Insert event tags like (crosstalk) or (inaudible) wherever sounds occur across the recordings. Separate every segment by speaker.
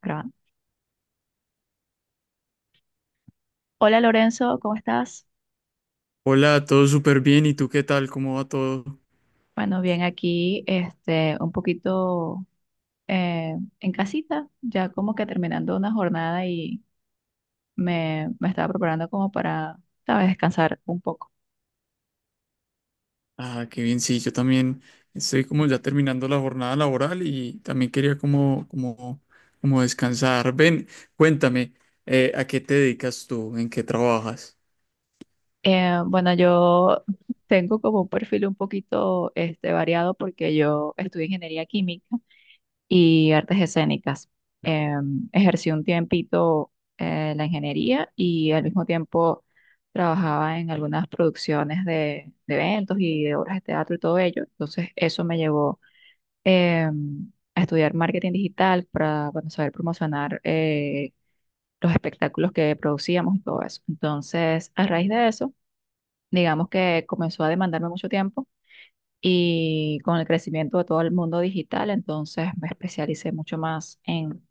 Speaker 1: Grabando. Hola Lorenzo, ¿cómo estás?
Speaker 2: Hola, todo súper bien. ¿Y tú qué tal? ¿Cómo va todo?
Speaker 1: Bueno, bien aquí, un poquito eh, en casita, ya como que terminando una jornada y me estaba preparando como para, sabes, descansar un poco.
Speaker 2: Ah, qué bien. Sí, yo también estoy como ya terminando la jornada laboral y también quería como descansar. Ven, cuéntame, ¿a qué te dedicas tú? ¿En qué trabajas?
Speaker 1: Bueno, yo (laughs) tengo como un perfil un poquito variado porque yo estudio ingeniería química y artes escénicas. Ejercí un tiempito la ingeniería y al mismo tiempo trabajaba en algunas producciones de eventos y de obras de teatro y todo ello. Entonces eso me llevó a estudiar marketing digital para bueno, saber promocionar los espectáculos que producíamos y todo eso. Entonces, a raíz de eso, digamos que comenzó a demandarme mucho tiempo. Y con el crecimiento de todo el mundo digital, entonces me especialicé mucho más en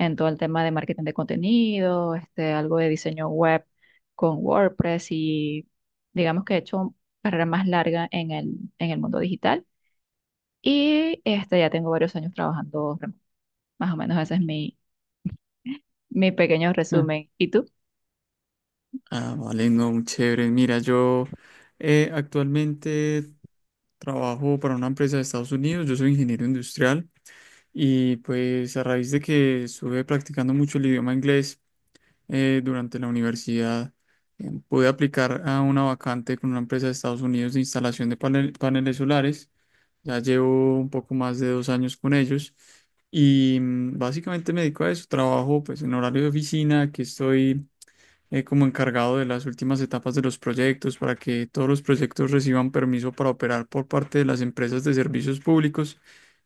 Speaker 1: en todo el tema de marketing de contenido, este, algo de diseño web con WordPress y digamos que he hecho carrera más larga en el mundo digital y este, ya tengo varios años trabajando remoto. Más o menos ese es mi pequeño
Speaker 2: Mm.
Speaker 1: resumen. ¿Y tú?
Speaker 2: Ah, vale, no, muy chévere. Mira, yo actualmente trabajo para una empresa de Estados Unidos, yo soy ingeniero industrial y pues a raíz de que estuve practicando mucho el idioma inglés, durante la universidad. Pude aplicar a una vacante con una empresa de Estados Unidos de instalación de paneles solares. Ya llevo un poco más de 2 años con ellos y básicamente me dedico a eso. Trabajo pues en horario de oficina, que estoy como encargado de las últimas etapas de los proyectos para que todos los proyectos reciban permiso para operar por parte de las empresas de servicios públicos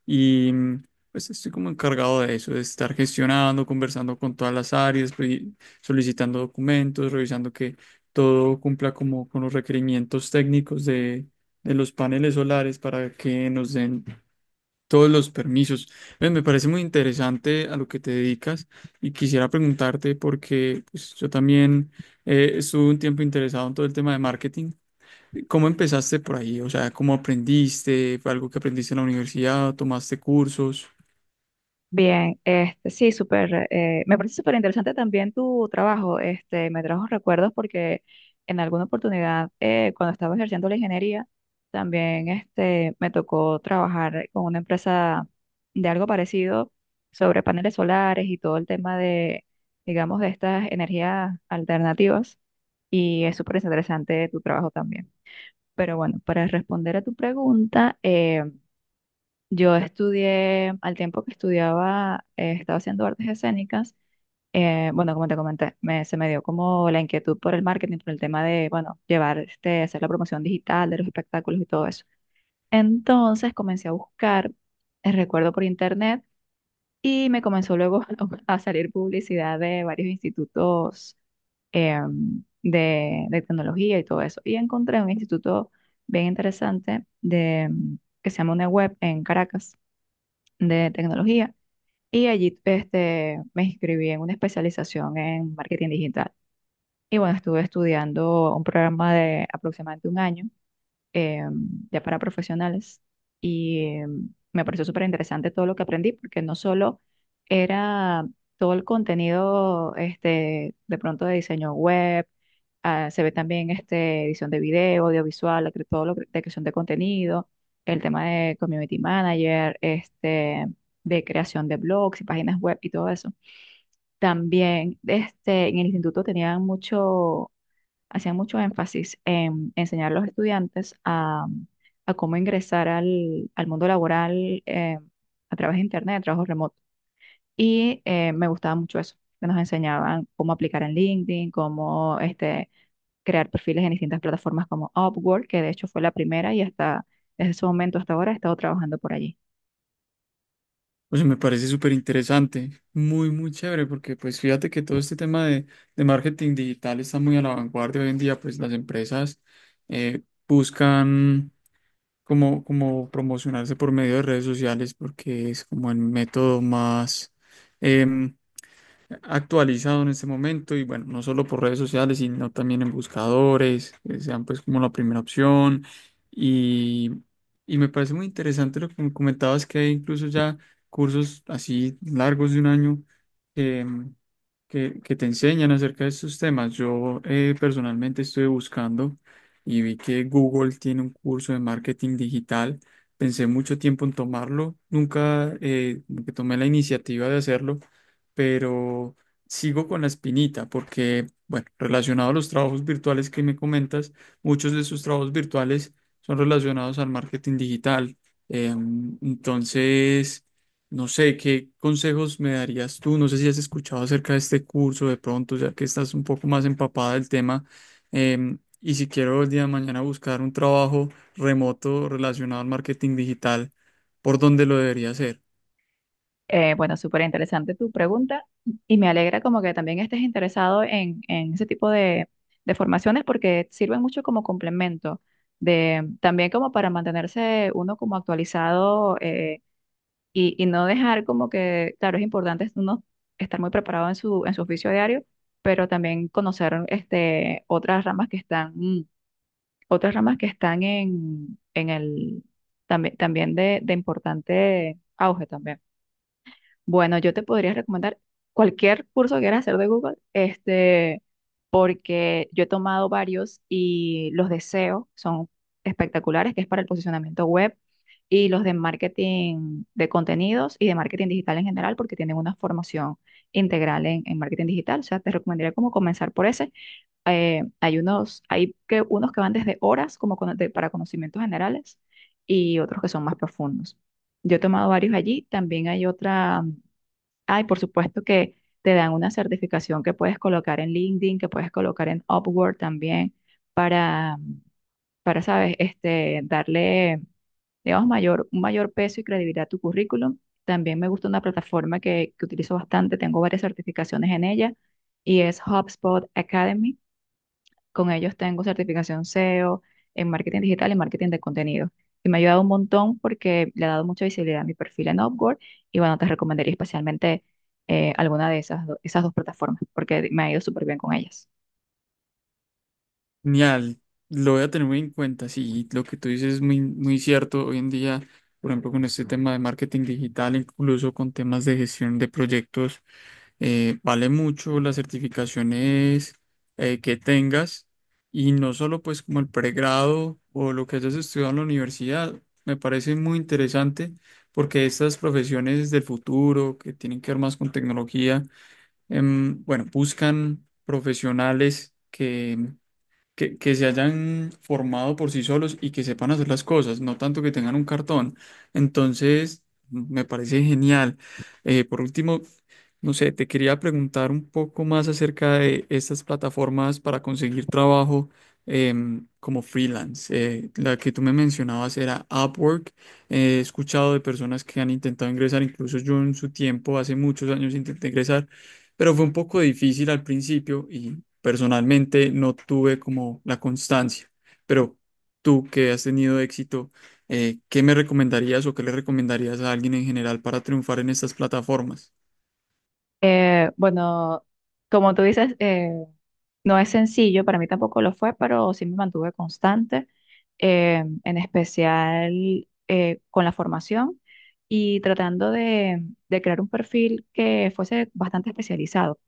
Speaker 2: y pues estoy como encargado de eso, de estar gestionando, conversando con todas las áreas, solicitando documentos, revisando que todo cumpla como con los requerimientos técnicos de los paneles solares para que nos den todos los permisos. Ven, me parece muy interesante a lo que te dedicas. Y quisiera preguntarte porque pues, yo también estuve un tiempo interesado en todo el tema de marketing. ¿Cómo empezaste por ahí? O sea, ¿cómo aprendiste? ¿Fue algo que aprendiste en la universidad? ¿Tomaste cursos?
Speaker 1: Bien, este, sí, súper, me parece súper interesante también tu trabajo, este, me trajo recuerdos porque en alguna oportunidad, cuando estaba ejerciendo la ingeniería, también, este, me tocó trabajar con una empresa de algo parecido sobre paneles solares y todo el tema de, digamos, de estas energías alternativas y es súper interesante tu trabajo también. Pero bueno, para responder a tu pregunta, yo estudié, al tiempo que estudiaba, estaba haciendo artes escénicas. Bueno, como te comenté, se me dio como la inquietud por el marketing, por el tema de, bueno, llevar, este, hacer la promoción digital de los espectáculos y todo eso. Entonces comencé a buscar, recuerdo por internet, y me comenzó luego (laughs) a salir publicidad de varios institutos de tecnología y todo eso. Y encontré un instituto bien interesante de, que se llama una web en Caracas de tecnología y allí este, me inscribí en una especialización en marketing digital. Y bueno, estuve estudiando un programa de aproximadamente un año eh, ya para profesionales. Y me pareció súper interesante todo lo que aprendí, porque no solo era todo el contenido este, de pronto de diseño web, ah, se ve también este, edición de video, audiovisual, la cre- todo lo que- de creación de contenido, el tema de community manager, este, de creación de blogs y páginas web y todo eso. También este, en el instituto tenían mucho hacía mucho énfasis en enseñar a los estudiantes a cómo ingresar al mundo laboral a través de Internet, trabajos remotos. Y me gustaba mucho eso, que nos enseñaban cómo aplicar en LinkedIn, cómo este, crear perfiles en distintas plataformas como Upwork, que de hecho fue la primera y hasta desde ese momento hasta ahora he estado trabajando por allí.
Speaker 2: O sea, me parece súper interesante, muy, muy chévere, porque pues fíjate que todo este tema de marketing digital está muy a la vanguardia hoy en día, pues las empresas eh, buscan como promocionarse por medio de redes sociales porque es como el método más em, actualizado en este momento y bueno, no solo por redes sociales, sino también en buscadores, que sean pues como la primera opción. Y, y me parece muy interesante lo que me comentabas, que hay incluso ya cursos así largos de 1 año que, que te enseñan acerca de estos temas. Yo personalmente estoy buscando y vi que Google tiene un curso de marketing digital. Pensé mucho tiempo en tomarlo, nunca como que tomé la iniciativa de hacerlo pero sigo con la espinita porque, bueno, relacionado a los trabajos virtuales que me comentas, muchos de sus trabajos virtuales son relacionados al marketing digital. Eh, entonces, no sé, ¿qué consejos me darías tú? No sé si has escuchado acerca de este curso de pronto, ya que estás un poco más empapada del tema. Y si quiero el día de mañana buscar un trabajo remoto relacionado al marketing digital, ¿por dónde lo debería hacer?
Speaker 1: Bueno, súper interesante tu pregunta y me alegra como que también estés interesado en ese tipo de formaciones porque sirven mucho como complemento, de, también como para mantenerse uno como actualizado y no dejar como que, claro, es importante uno estar muy preparado en en su oficio diario, pero también conocer este, otras ramas que están, mm, otras ramas que están en el, también, también de importante auge también. Bueno, yo te podría recomendar cualquier curso que quieras hacer de Google, este, porque yo he tomado varios y los de SEO son espectaculares, que es para el posicionamiento web, y los de marketing de contenidos y de marketing digital en general, porque tienen una formación integral en marketing digital. O sea, te recomendaría como comenzar por ese. Hay unos, hay que, unos que van desde horas como cono- de- para conocimientos generales y otros que son más profundos. Yo he tomado varios allí. También hay otra. Ay, por supuesto que te dan una certificación que puedes colocar en LinkedIn, que puedes colocar en Upwork también, para, para, sabes, este, darle, digamos, mayor, un mayor peso y credibilidad a tu currículum. También me gusta una plataforma que utilizo bastante, tengo varias certificaciones en ella, y es HubSpot Academy. Con ellos tengo certificación SEO en marketing digital y marketing de contenido. Y me ha ayudado un montón porque le ha dado mucha visibilidad a mi perfil en Upwork. Y bueno, te recomendaría especialmente alguna de esas, do- esas dos plataformas porque me ha ido súper bien con ellas.
Speaker 2: Genial, lo voy a tener muy en cuenta. Sí, lo que tú dices es muy, muy cierto. Hoy en día, por ejemplo, con este tema de marketing digital, incluso con temas de gestión de proyectos, vale mucho las certificaciones que tengas y no solo pues como el pregrado o lo que hayas estudiado en la universidad. Me parece muy interesante porque estas profesiones del futuro que tienen que ver más con tecnología, bueno, buscan profesionales. Que se hayan formado por sí solos y que sepan hacer las cosas, no tanto que tengan un cartón. Entonces, me parece genial. Por último, no sé, te quería preguntar un poco más acerca de estas plataformas para conseguir trabajo como freelance. La que tú me mencionabas era Upwork. He escuchado de personas que han intentado ingresar, incluso yo en su tiempo, hace muchos años intenté ingresar. Pero fue un poco difícil al principio y personalmente no tuve como la constancia, pero tú que has tenido éxito, ¿qué me recomendarías o qué le recomendarías a alguien en general para triunfar en estas plataformas?
Speaker 1: Bueno, como tú dices, no es sencillo, para mí tampoco lo fue, pero sí me mantuve constante, en especial con la formación y tratando de crear un perfil que fuese bastante especializado.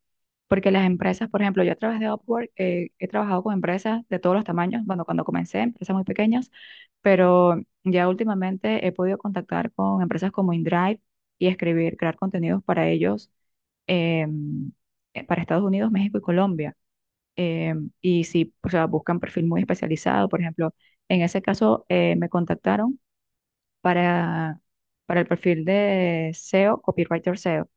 Speaker 1: Porque las empresas, por ejemplo, yo a través de Upwork he trabajado con empresas de todos los tamaños, bueno, cuando comencé, empresas muy pequeñas, pero ya últimamente he podido contactar con empresas como InDrive y escribir, crear contenidos para ellos, eh, para Estados Unidos, México y Colombia. Eh, y si, o sea, buscan perfil muy especializado, por ejemplo, en ese caso me contactaron para, para el perfil de SEO, Copywriter SEO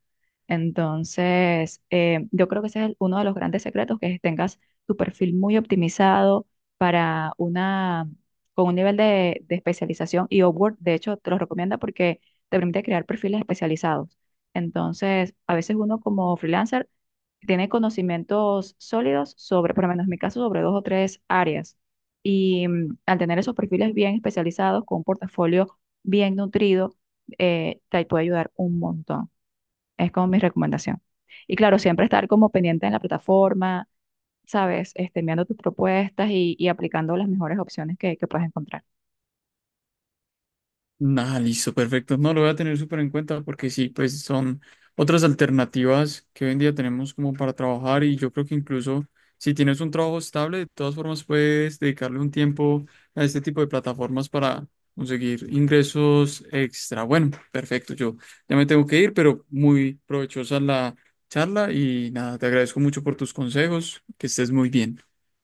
Speaker 1: entonces, yo creo que ese es el- uno de los grandes secretos, que tengas tu perfil muy optimizado para una, con un nivel de especialización y Upwork, de hecho, te lo recomienda porque te permite crear perfiles especializados. Entonces, a veces uno como freelancer tiene conocimientos sólidos sobre, por lo menos en mi caso, sobre dos o tres áreas. Y mm, al tener esos perfiles bien especializados, con un portafolio bien nutrido, te puede ayudar un montón. Es como mi recomendación. Y claro, siempre estar como pendiente en la plataforma, ¿sabes? Este, enviando tus propuestas y aplicando las mejores opciones que puedes encontrar.
Speaker 2: Nada, listo, perfecto. No lo voy a tener súper en cuenta porque sí, pues son otras alternativas que hoy en día tenemos como para trabajar y yo creo que incluso si tienes un trabajo estable, de todas formas puedes dedicarle un tiempo a este tipo de plataformas para conseguir ingresos extra. Bueno, perfecto, yo ya me tengo que ir, pero muy provechosa la charla y nada, te agradezco mucho por tus consejos, que estés muy bien.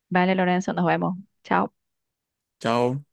Speaker 1: Vale, Lorenzo, nos vemos. Chao.
Speaker 2: Chao.